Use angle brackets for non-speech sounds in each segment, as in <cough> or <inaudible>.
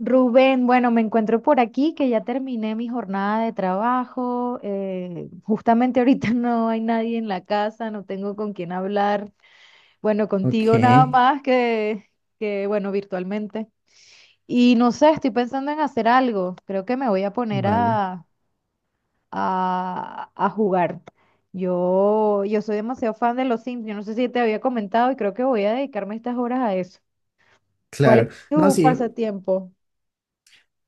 Rubén, bueno, me encuentro por aquí que ya terminé mi jornada de trabajo. Justamente ahorita <laughs> no hay nadie en la casa, no tengo con quién hablar. Bueno, Ok, contigo nada más que, bueno, virtualmente. Y no sé, estoy pensando en hacer algo. Creo que me voy a poner vale. a, a, a jugar. Yo soy demasiado fan de los Sims. Yo no sé si te había comentado y creo que voy a dedicarme estas horas a eso. ¿Cuál es Claro. No, tu sí. pasatiempo?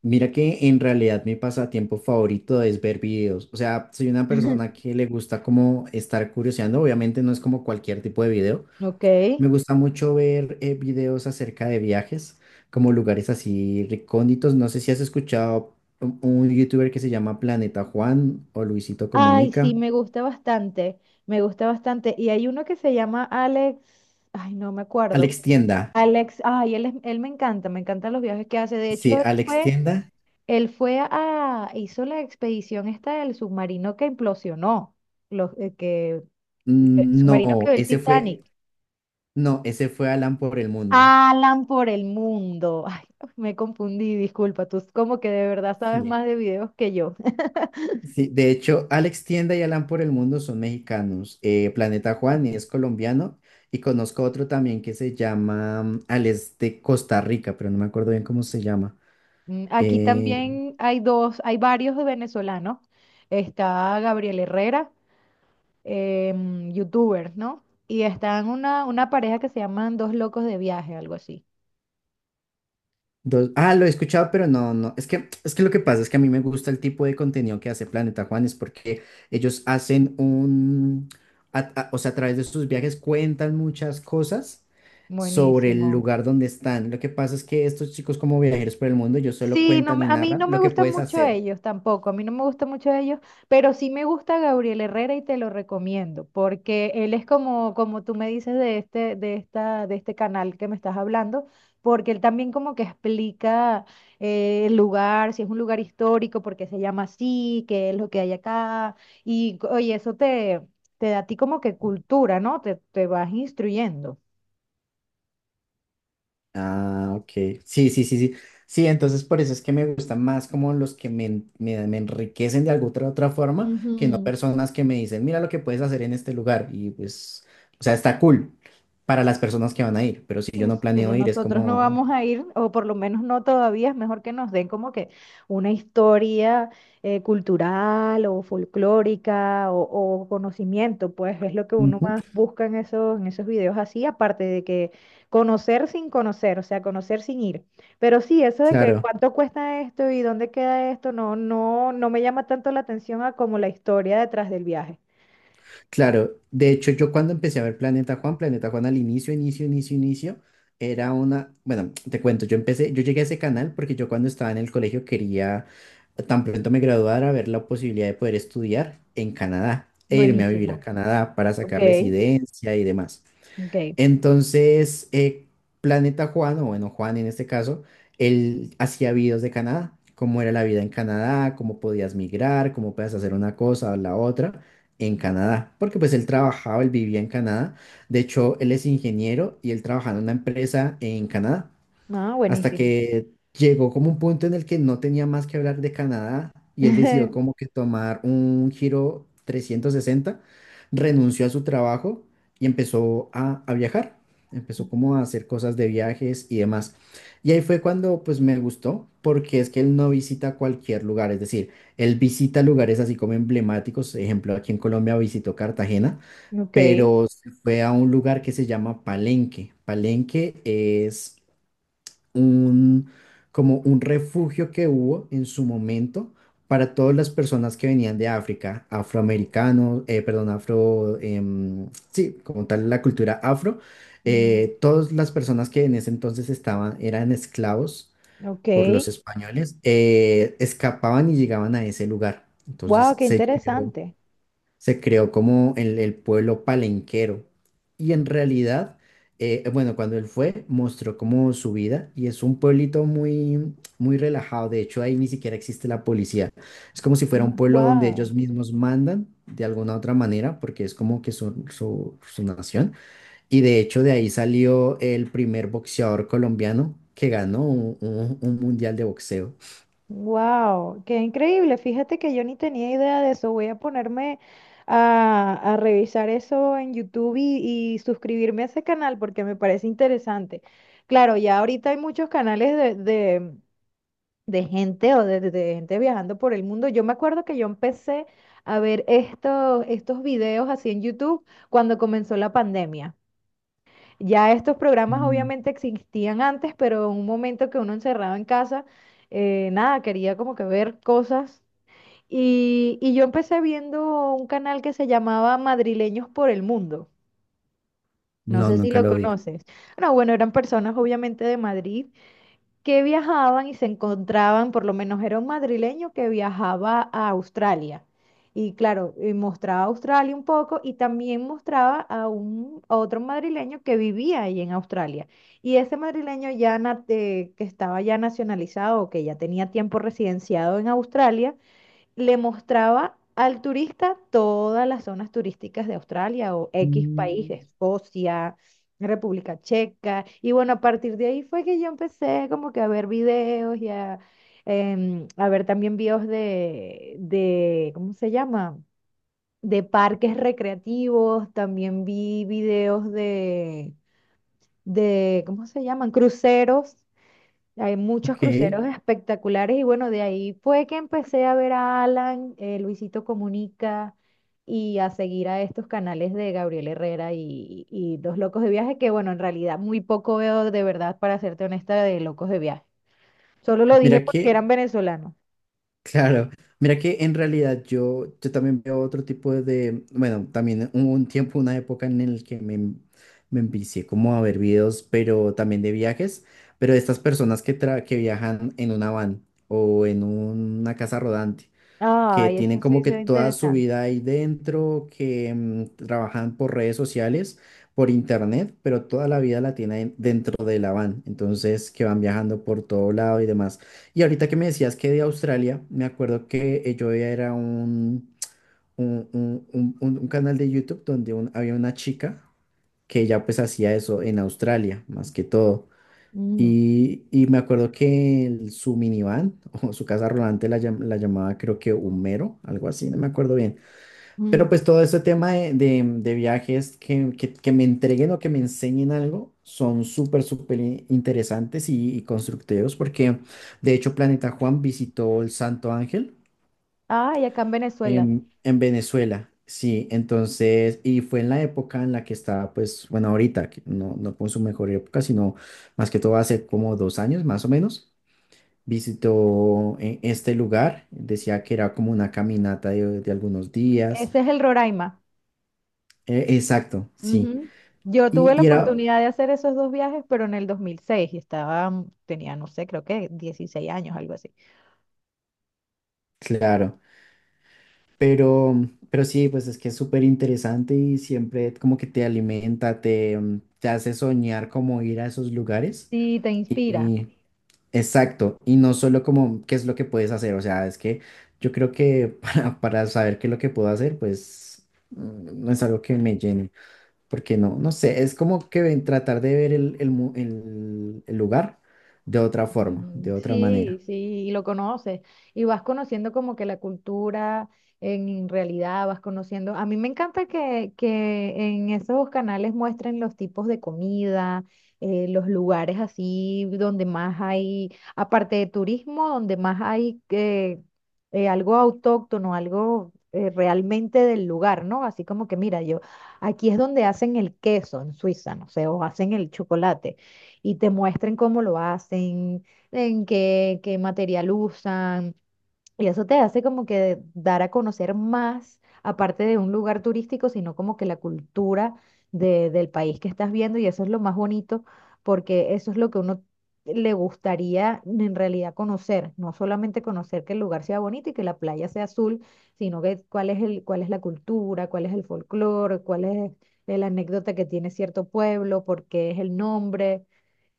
Mira que en realidad mi pasatiempo favorito es ver videos. O sea, soy una persona que le gusta como estar curioseando. Obviamente no es como cualquier tipo de video. Ok. Me gusta mucho ver videos acerca de viajes, como lugares así recónditos. No sé si has escuchado un youtuber que se llama Planeta Juan o Luisito Ay, sí, Comunica. me gusta bastante, me gusta bastante. Y hay uno que se llama Alex, ay, no me acuerdo. Alex Tienda. Alex, ay, él, él me encanta, me encantan los viajes que hace. De hecho, Sí, Alex Tienda. él fue a hizo la expedición esta del submarino que implosionó, los, eh, que, el Mm, submarino que no, ve el Titanic. no, ese fue Alan por el mundo. Alan por el mundo. <laughs> Ay, me confundí, disculpa, tú como que de verdad sabes Sí. más de videos que yo. Sí, de hecho, Alex Tienda y Alan por el Mundo son mexicanos. Planeta Juan es colombiano y conozco otro también que se llama Alex de Costa Rica, pero no me acuerdo bien cómo se llama. Mm, aquí Eh, también hay dos, hay varios venezolanos. Está Gabriel Herrera, youtuber, ¿no? Y están una pareja que se llaman Dos Locos de Viaje, algo así. Ah, lo he escuchado, pero no, no. Es que lo que pasa es que a mí me gusta el tipo de contenido que hace Planeta Juanes, porque ellos hacen o sea, a través de sus viajes cuentan muchas cosas sobre el Buenísimo. lugar donde están. Lo que pasa es que estos chicos como viajeros por el mundo, ellos solo Sí, no, cuentan y a mí narran no lo me que gustan puedes mucho hacer. ellos tampoco, a mí no me gustan mucho ellos, pero sí me gusta Gabriel Herrera y te lo recomiendo, porque él es como, como tú me dices de este, de esta, de este canal que me estás hablando, porque él también como que explica el lugar, si es un lugar histórico, por qué se llama así, qué es lo que hay acá, y oye, eso te, te da a ti como que cultura, ¿no? Te vas instruyendo. Ah, ok. Sí, sí, sí, sí. Sí, entonces por eso es que me gustan más como los que me enriquecen de alguna otra, forma, que no Ujú. personas que me dicen, mira lo que puedes hacer en este lugar. Y pues, o sea, está cool para las personas que van a ir, pero si yo Pues, no pero planeo ir, es nosotros no como, vamos a ir, o por lo menos no todavía, es mejor que nos den como que una historia cultural o folclórica o conocimiento, pues es lo que uno Ujú, más busca en esos videos así, aparte de que conocer sin conocer, o sea, conocer sin ir. Pero sí, eso de que claro. cuánto cuesta esto y dónde queda esto, no, no, no me llama tanto la atención a como la historia detrás del viaje. Claro, de hecho yo cuando empecé a ver Planeta Juan al inicio, bueno, te cuento, yo llegué a ese canal porque yo cuando estaba en el colegio quería, tan pronto me graduara, ver la posibilidad de poder estudiar en Canadá e irme a vivir a Buenísimo. Canadá para Ok, sacar residencia y demás. ok. Entonces, Planeta Juan, o bueno, Juan en este caso, él hacía videos de Canadá, cómo era la vida en Canadá, cómo podías migrar, cómo podías hacer una cosa o la otra en Canadá, porque pues él vivía en Canadá. De hecho, él es ingeniero y él trabajaba en una empresa en Canadá Ah, hasta buenísimo. que llegó como un punto en el que no tenía más que hablar de Canadá y él decidió como <laughs> que tomar un giro 360, renunció a su trabajo y empezó a viajar, empezó como a hacer cosas de viajes y demás. Y ahí fue cuando pues me gustó, porque es que él no visita cualquier lugar, es decir, él visita lugares así como emblemáticos, ejemplo, aquí en Colombia visitó Cartagena, Ok. pero se fue a un lugar que se llama Palenque. Palenque es un, como un refugio que hubo en su momento para todas las personas que venían de África, afroamericanos, perdón, afro, sí, como tal la cultura afro, Mm, todas las personas que en ese entonces eran esclavos ok, por los españoles, escapaban y llegaban a ese lugar. wow, Entonces qué se creó interesante. se creó como el pueblo palenquero. Y en realidad, bueno, cuando él fue, mostró como su vida y es un pueblito muy, muy relajado. De hecho, ahí ni siquiera existe la policía. Es como si fuera un pueblo donde Wow, ellos mismos mandan de alguna otra manera, porque es como que su nación. Y de hecho, de ahí salió el primer boxeador colombiano que ganó un mundial de boxeo. wow, qué increíble. Fíjate que yo ni tenía idea de eso. Voy a ponerme a revisar eso en YouTube y suscribirme a ese canal porque me parece interesante. Claro, ya ahorita hay muchos canales de gente o de gente viajando por el mundo. Yo me acuerdo que yo empecé a ver estos, estos videos así en YouTube cuando comenzó la pandemia. Ya estos programas Mm, obviamente existían antes, pero en un momento que uno encerrado en casa, nada, quería como que ver cosas. Y yo empecé viendo un canal que se llamaba Madrileños por el Mundo. No no, sé si nunca lo lo vi. conoces. No, bueno, eran personas obviamente de Madrid que viajaban y se encontraban, por lo menos era un madrileño que viajaba a Australia. Y claro, mostraba Australia un poco y también mostraba a a otro madrileño que vivía ahí en Australia. Y ese madrileño ya que estaba ya nacionalizado o que ya tenía tiempo residenciado en Australia, le mostraba al turista todas las zonas turísticas de Australia o X país, Mm, Escocia, República Checa. Y bueno, a partir de ahí fue que yo empecé como que a ver videos y a, a ver también videos de, ¿cómo se llama? De parques recreativos, también vi videos de, ¿cómo se llaman? Cruceros, hay muchos ok. cruceros espectaculares y bueno, de ahí fue que empecé a ver a Alan, Luisito Comunica y a seguir a estos canales de Gabriel Herrera y Los Locos de Viaje, que bueno, en realidad muy poco veo de verdad, para serte honesta, de Locos de Viaje. Solo lo dije Mira porque que eran venezolanos. Claro, mira que en realidad yo también veo otro tipo de, bueno, también hubo un tiempo, una época en el que me envicié como a ver videos, pero también de viajes, pero de estas personas que viajan en una van o en una casa rodante que Ay, tienen eso sí como que se ve toda su interesante. vida ahí dentro, que trabajan por redes sociales, por internet, pero toda la vida la tienen dentro de la van, entonces que van viajando por todo lado y demás. Y ahorita que me decías que de Australia, me acuerdo que yo veía era un canal de YouTube donde había una chica que ya pues hacía eso en Australia, más que todo. Mm, Y me acuerdo que su minivan <laughs> o su casa rodante la llamaba creo que Humero, algo así, no me acuerdo bien. Pero mm. pues todo ese tema de viajes que me entreguen o que me enseñen algo son súper, súper interesantes y constructivos porque de hecho Planeta Juan visitó el Santo Ángel Ay, acá en Venezuela. en Venezuela. Sí, entonces, y fue en la época en la que estaba, pues, bueno, ahorita, que no, no con su mejor época, sino más que todo hace como 2 años más o menos visitó este lugar. Decía que era como una caminata de algunos días. Ese es el Roraima. Exacto, sí. Ujú. Yo Y, tuve la y era, oportunidad de hacer esos dos viajes, pero en el 2006 y estaba, tenía, no sé, creo que 16 años, algo así. claro, pero, pero, sí, pues es que es súper interesante y siempre como que te alimenta, te hace soñar como ir a esos lugares. Sí, te inspira. Y, exacto, y no solo como qué es lo que puedes hacer, o sea, es que yo creo que <laughs> para saber qué es lo que puedo hacer, pues no es algo que me llene. Porque no, no sé, es como que tratar de ver el lugar de otra forma, Ujú. de otra Sí, manera. sí, y lo conoces. Y vas conociendo como que la cultura en realidad, vas conociendo. A mí me encanta que en esos canales muestren los tipos de comida, los lugares así donde más hay, aparte de turismo, donde más hay algo autóctono, algo realmente del lugar, ¿no? Así como que mira, yo, aquí es donde hacen el queso en Suiza, no sé, o hacen el chocolate y te muestren cómo lo hacen, en qué, qué material usan, y eso te hace como que dar a conocer más, aparte de un lugar turístico, sino como que la cultura del país que estás viendo, y eso es lo más bonito, porque eso es lo que uno le gustaría en realidad conocer, no solamente conocer que el lugar sea bonito y que la playa sea azul, sino que cuál es el, cuál es la cultura, cuál es el folclore, cuál es la anécdota que tiene cierto pueblo, por qué es el nombre,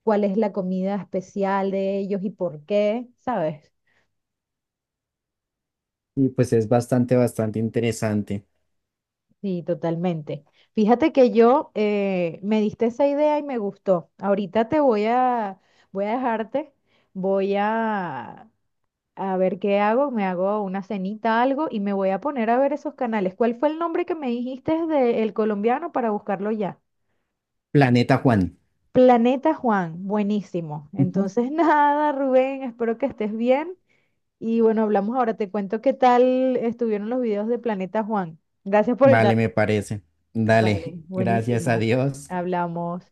cuál es la comida especial de ellos y por qué, ¿sabes? Y pues es bastante, bastante interesante. Sí, totalmente. Fíjate que yo me diste esa idea y me gustó. Ahorita te voy a voy a dejarte, voy a a ver qué hago, me hago una cenita, algo y me voy a poner a ver esos canales. ¿Cuál fue el nombre que me dijiste del colombiano para buscarlo ya? Planeta Juan. Planeta Juan, buenísimo. Ujú. Entonces, <laughs> nada, Rubén, espero que estés bien. Y bueno, hablamos ahora. Te cuento qué tal estuvieron los videos de Planeta Juan. Gracias por el Vale, me dato. parece. Vale, Dale, gracias a buenísimo. Dios. Hablamos.